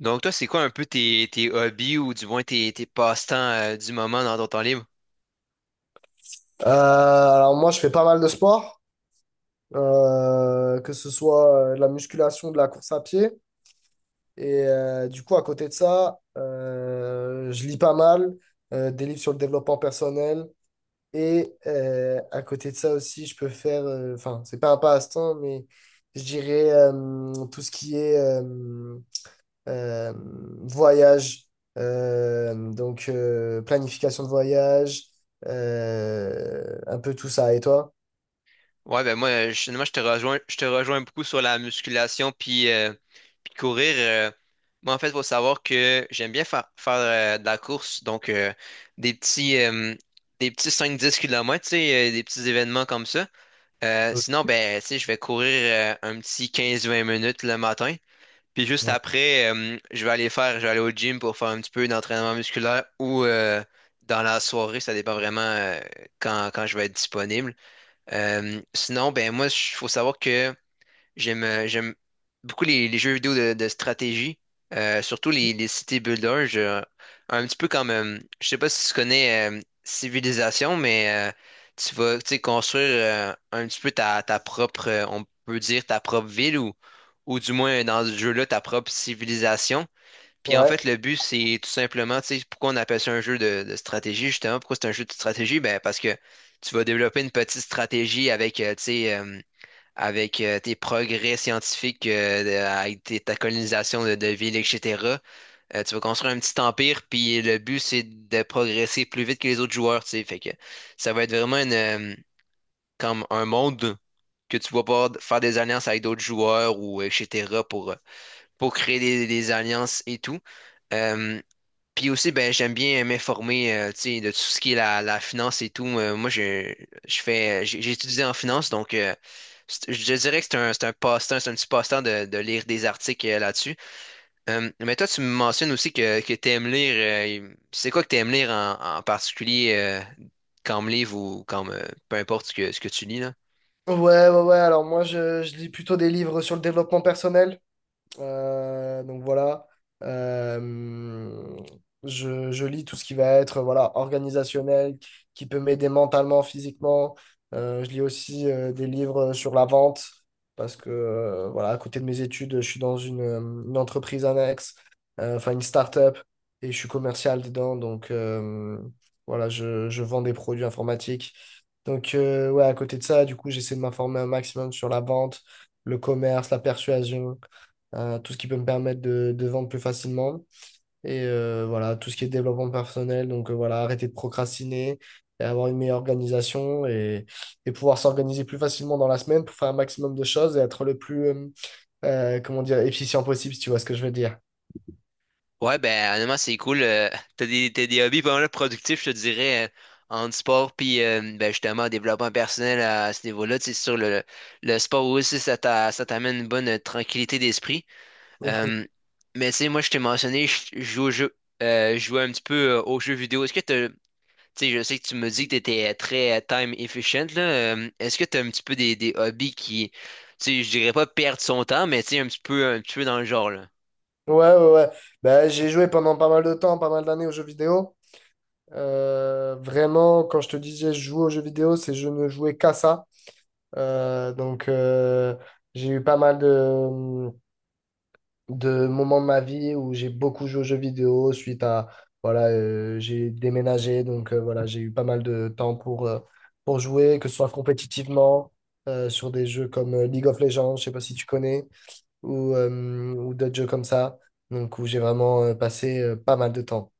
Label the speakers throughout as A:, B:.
A: Donc toi, c'est quoi un peu tes hobbies ou du moins tes passe-temps du moment dans ton temps libre?
B: Alors moi, je fais pas mal de sport, que ce soit de la musculation, de la course à pied. Du coup, à côté de ça, je lis pas mal des livres sur le développement personnel. Et à côté de ça aussi, je peux faire, enfin, c'est pas un passe-temps, mais je dirais tout ce qui est euh, voyage, donc planification de voyage, un peu tout ça. Et toi?
A: Ouais, ben moi, moi, je te rejoins beaucoup sur la musculation puis courir. Moi, en fait, il faut savoir que j'aime bien faire de la course, donc des petits, euh, des petits 5-10 km tu sais, des petits événements comme ça. Euh,
B: Euh,
A: sinon, ben, tu sais, je vais courir un petit 15-20 minutes le matin. Puis juste après, je vais aller au gym pour faire un petit peu d'entraînement musculaire ou dans la soirée, ça dépend vraiment quand je vais être disponible. Sinon, ben moi, il faut savoir que j'aime beaucoup les jeux vidéo de stratégie, surtout les city builders. Un petit peu comme, je sais pas si tu connais Civilisation, mais tu vas tu sais, construire un petit peu ta propre, on peut dire ta propre ville ou du moins dans ce jeu-là, ta propre civilisation. Puis en
B: Ouais.
A: fait, le but, c'est tout simplement, tu sais, pourquoi on appelle ça un jeu de stratégie, justement, pourquoi c'est un jeu de stratégie? Ben, parce que tu vas développer une petite stratégie avec, tu sais, avec tes progrès scientifiques, ta colonisation de villes, etc. Tu vas construire un petit empire, puis le but, c'est de progresser plus vite que les autres joueurs, tu sais. Fait que ça va être vraiment comme un monde que tu vas pouvoir faire des alliances avec d'autres joueurs ou etc. pour créer des alliances et tout. Euh, puis aussi, ben, j'aime bien m'informer, tu sais, de tout ce qui est la finance et tout. Moi, je j'ai étudié en finance, donc je dirais que c'est un passe-temps, c'est un petit passe-temps de lire des articles là-dessus. Mais toi, tu me mentionnes aussi que tu aimes lire. C'est quoi que tu aimes lire en particulier comme livre ou comme peu importe ce que tu lis là?
B: Ouais, ouais, ouais. Alors moi, je lis plutôt des livres sur le développement personnel. Donc voilà. Euh, je lis tout ce qui va être voilà, organisationnel, qui peut m'aider mentalement, physiquement. Je lis aussi des livres sur la vente, parce que voilà, à côté de mes études, je suis dans une entreprise annexe, enfin une start-up, et je suis commercial dedans. Voilà, je vends des produits informatiques. Ouais, à côté de ça, du coup, j'essaie de m'informer un maximum sur la vente, le commerce, la persuasion, tout ce qui peut me permettre de vendre plus facilement. Et voilà, tout ce qui est développement personnel. Voilà, arrêter de procrastiner et avoir une meilleure organisation et pouvoir s'organiser plus facilement dans la semaine pour faire un maximum de choses et être le plus, comment dire, efficient possible, si tu vois ce que je veux dire.
A: Ouais, ben honnêtement, c'est cool. T'as des hobbies pas mal productifs, je te dirais, en sport, puis ben, justement, en développement personnel à ce niveau-là. Tu sais, sur le sport aussi, ça t'amène une bonne tranquillité d'esprit. Euh, mais tu sais, moi, je t'ai mentionné, je joue un petit peu aux jeux vidéo. Tu sais, je sais que tu me dis que t'étais très time efficient, là. Est-ce que t'as un petit peu des hobbies qui, tu sais, je dirais pas perdre son temps, mais tu sais, un petit peu dans le genre, là.
B: Ouais, ouais, ouais. Bah, j'ai joué pendant pas mal de temps, pas mal d'années aux jeux vidéo. Vraiment, quand je te disais je joue aux jeux vidéo, c'est je ne jouais qu'à ça. Donc, j'ai eu pas mal de moments de ma vie où j'ai beaucoup joué aux jeux vidéo suite à, voilà, j'ai déménagé. Voilà, j'ai eu pas mal de temps pour jouer, que ce soit compétitivement, sur des jeux comme League of Legends, je sais pas si tu connais ou d'autres jeux comme ça. Donc, où j'ai vraiment passé pas mal de temps.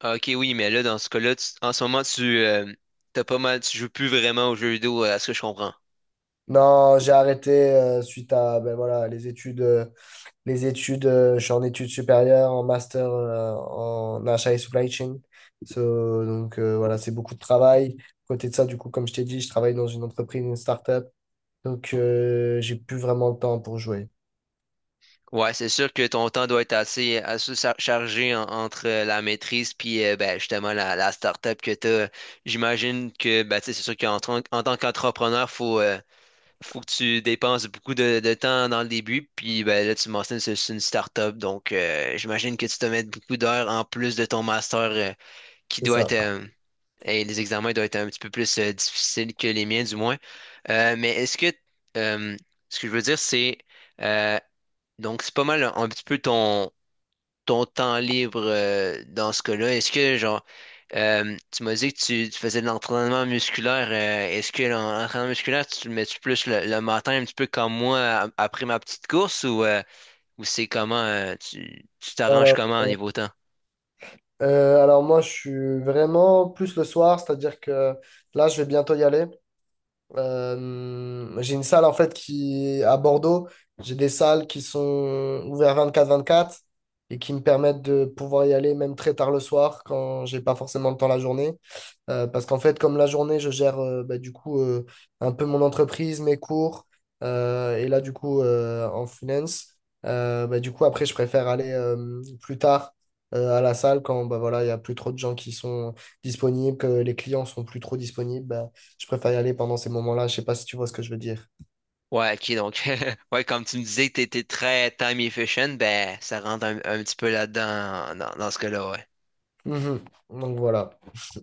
A: Ah, ok, oui, mais là, dans ce cas-là, en ce moment, tu t'as pas mal, tu joues plus vraiment aux jeux vidéo, à ce que je comprends.
B: Non, j'ai arrêté suite à ben, voilà, les études. Les études, je suis en études supérieures, en master en achat et supply chain. So, donc, voilà, c'est beaucoup de travail. À côté de ça, du coup, comme je t'ai dit, je travaille dans une entreprise, une start-up. J'ai plus vraiment le temps pour jouer.
A: Ouais, c'est sûr que ton temps doit être chargé entre la maîtrise puis ben, justement la start-up que t'as. J'imagine que ben, tu sais, c'est sûr qu'en tant qu'entrepreneur, faut, faut que tu dépenses beaucoup de temps dans le début. Puis ben, là, tu mentionnes que c'est une start-up, donc j'imagine que tu te mets beaucoup d'heures en plus de ton master qui
B: C'est
A: doit
B: ça.
A: être. Et les examens doivent être un petit peu plus difficiles que les miens, du moins. Mais est-ce que euh, Ce que je veux dire, c'est euh, donc c'est pas mal un petit peu ton temps libre dans ce cas-là. Est-ce que genre tu m'as dit que tu faisais de l'entraînement musculaire. Est-ce que l'entraînement musculaire, tu le mets-tu plus le matin un petit peu comme moi après ma petite course ou c'est comment tu t'arranges
B: Alors,
A: comment au niveau temps?
B: alors moi, je suis vraiment plus le soir, c'est-à-dire que là, je vais bientôt y aller. J'ai une salle en fait qui à Bordeaux, j'ai des salles qui sont ouvertes 24-24 et qui me permettent de pouvoir y aller même très tard le soir quand j'ai pas forcément le temps la journée. Parce qu'en fait, comme la journée, je gère bah, un peu mon entreprise, mes cours, et là, en finance, bah, du coup, après, je préfère aller plus tard à la salle quand bah, voilà, il n'y a plus trop de gens qui sont disponibles, que les clients sont plus trop disponibles. Bah, je préfère y aller pendant ces moments-là. Je sais pas si tu vois ce que je veux dire.
A: Ouais, ok, donc, ouais, comme tu me disais que t'étais très time efficient, ben, ça rentre un petit peu là-dedans, dans ce cas-là, ouais.
B: Mhm. Donc voilà.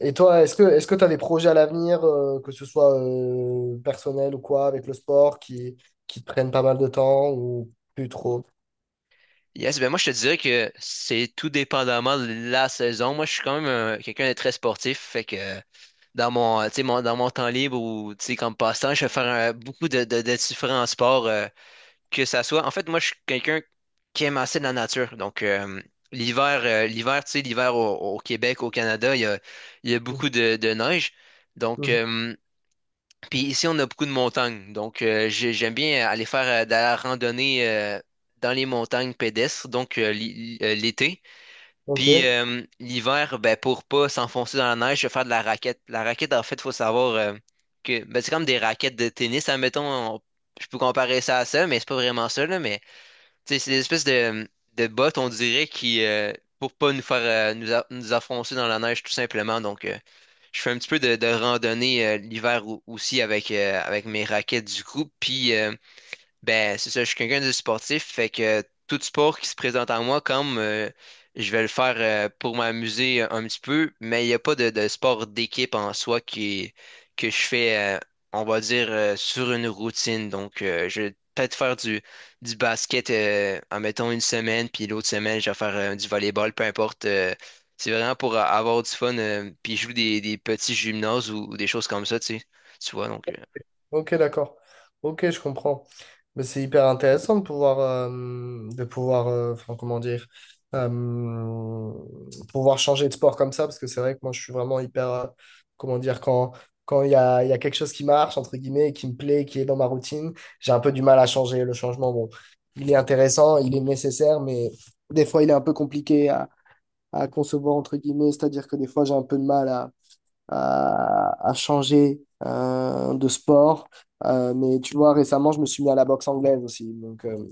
B: Et toi, est-ce que tu as des projets à l'avenir, que ce soit personnel ou quoi, avec le sport, qui te prennent pas mal de temps ou plus trop?
A: Yes, ben, moi, je te dirais que c'est tout dépendamment de la saison. Moi, je suis quand même quelqu'un de très sportif, fait que dans mon, tu sais, dans mon temps libre ou, tu sais, comme passe-temps, je vais faire beaucoup de différents sports, que ça soit. En fait, moi, je suis quelqu'un qui aime assez la nature. Donc, l'hiver, tu sais, l'hiver au Québec, au Canada, il y a beaucoup de neige. Donc,
B: Mhm.
A: euh, Puis ici, on a beaucoup de montagnes. Donc, j'aime bien aller faire de la randonnée dans les montagnes pédestres, donc l'été.
B: Ok,
A: Puis l'hiver, ben, pour pas s'enfoncer dans la neige, je vais faire de la raquette. La raquette, en fait, il faut savoir que ben, c'est comme des raquettes de tennis, admettons. on- je peux comparer ça à ça, mais c'est pas vraiment ça, là, mais tu sais, c'est des espèces de bottes, on dirait, qui, pour pas nous faire nous enfoncer dans la neige, tout simplement. Donc, je fais un petit peu de randonnée l'hiver aussi avec, mes raquettes du coup. Puis, ben, c'est ça, je suis quelqu'un de sportif, fait que tout sport qui se présente à moi, comme je vais le faire pour m'amuser un petit peu, mais il n'y a pas de sport d'équipe en soi que je fais, on va dire, sur une routine. Donc, je vais peut-être faire du basket, en mettant une semaine, puis l'autre semaine, je vais faire du volleyball, peu importe. C'est vraiment pour avoir du fun, puis je joue des petits gymnases ou des choses comme ça, tu sais, tu vois,
B: ok, d'accord. Ok, je comprends. Mais c'est hyper intéressant de pouvoir, enfin, comment dire, euh, pouvoir changer de sport comme ça, parce que c'est vrai que moi, je suis vraiment hyper, comment dire, quand, quand il y a quelque chose qui marche, entre guillemets, et qui me plaît, qui est dans ma routine, j'ai un peu du mal à changer. Le changement, bon, il est intéressant, il est nécessaire, mais des fois, il est un peu compliqué à concevoir, entre guillemets, c'est-à-dire que des fois, j'ai un peu de mal à changer de sport. Mais tu vois, récemment, je me suis mis à la boxe anglaise aussi. Donc, euh,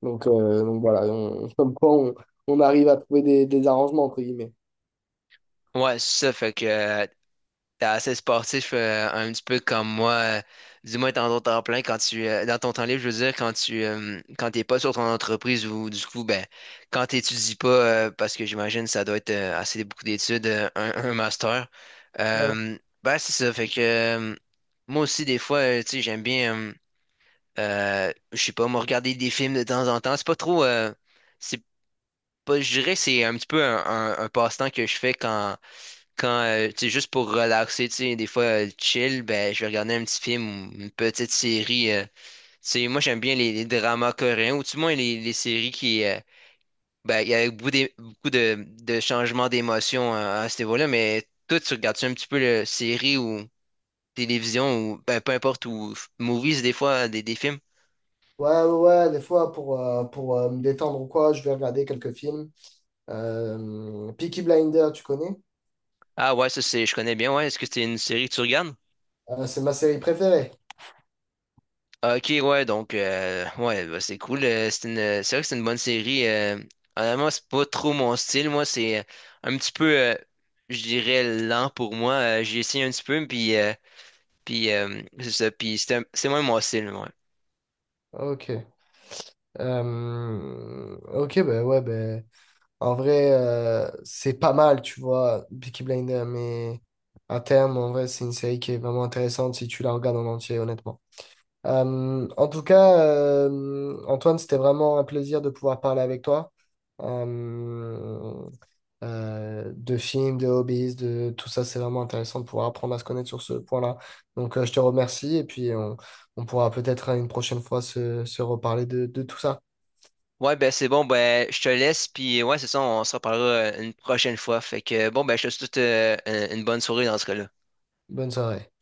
B: donc, euh, donc voilà, on, comme quoi on arrive à trouver des arrangements, entre guillemets.
A: ouais, c'est ça, fait que t'es assez sportif, un petit peu comme moi. Du moins, dans ton temps plein, quand dans ton temps libre, je veux dire, quand t'es pas sur ton entreprise ou du coup, ben, quand t'étudies pas, parce que j'imagine ça doit être assez beaucoup d'études, un master.
B: Ouais,
A: Ben, c'est ça. Fait que moi aussi, des fois, tu sais, j'aime bien, je sais pas, me regarder des films de temps en temps. C'est pas trop, c'est pas, Je dirais que c'est un petit peu un passe-temps que je fais tu sais, juste pour relaxer, tu sais, des fois, chill, ben, je vais regarder un petit film ou une petite série. Tu sais, moi, j'aime bien les dramas coréens, ou du moins les séries ben, il y a beaucoup de changements d'émotions à ce niveau-là, mais toi, tu regardes-tu un petit peu le série ou télévision ou, ben, peu importe, movies, des fois, des films?
B: ouais, ouais, ouais, des fois, pour me détendre ou quoi, je vais regarder quelques films. Peaky Blinder, tu connais?
A: Ah ouais, ça, je connais bien, ouais. Est-ce que c'est une série que tu regardes?
B: C'est ma série préférée.
A: Ah, ok, ouais, donc, ouais, bah, c'est cool. C'est vrai que c'est une bonne série. Honnêtement, c'est pas trop mon style. Moi, c'est un petit peu, je dirais, lent pour moi. J'ai essayé un petit peu, puis, puis c'est ça. Puis c'est c'est moins mon style, ouais.
B: Ok. Euh, ok, ben ouais, ben en vrai, c'est pas mal, tu vois, Peaky Blinders, mais à terme, en vrai, c'est une série qui est vraiment intéressante si tu la regardes en entier, honnêtement. En tout cas, Antoine, c'était vraiment un plaisir de pouvoir parler avec toi. Euh, de films, de hobbies, de tout ça, c'est vraiment intéressant de pouvoir apprendre à se connaître sur ce point-là. Donc, je te remercie et puis on pourra peut-être une prochaine fois se, se reparler de tout ça.
A: Ouais, ben c'est bon, ben je te laisse, puis ouais, c'est ça, on se reparlera une prochaine fois. Fait que bon, ben je te souhaite une bonne soirée dans ce cas-là.
B: Bonne soirée.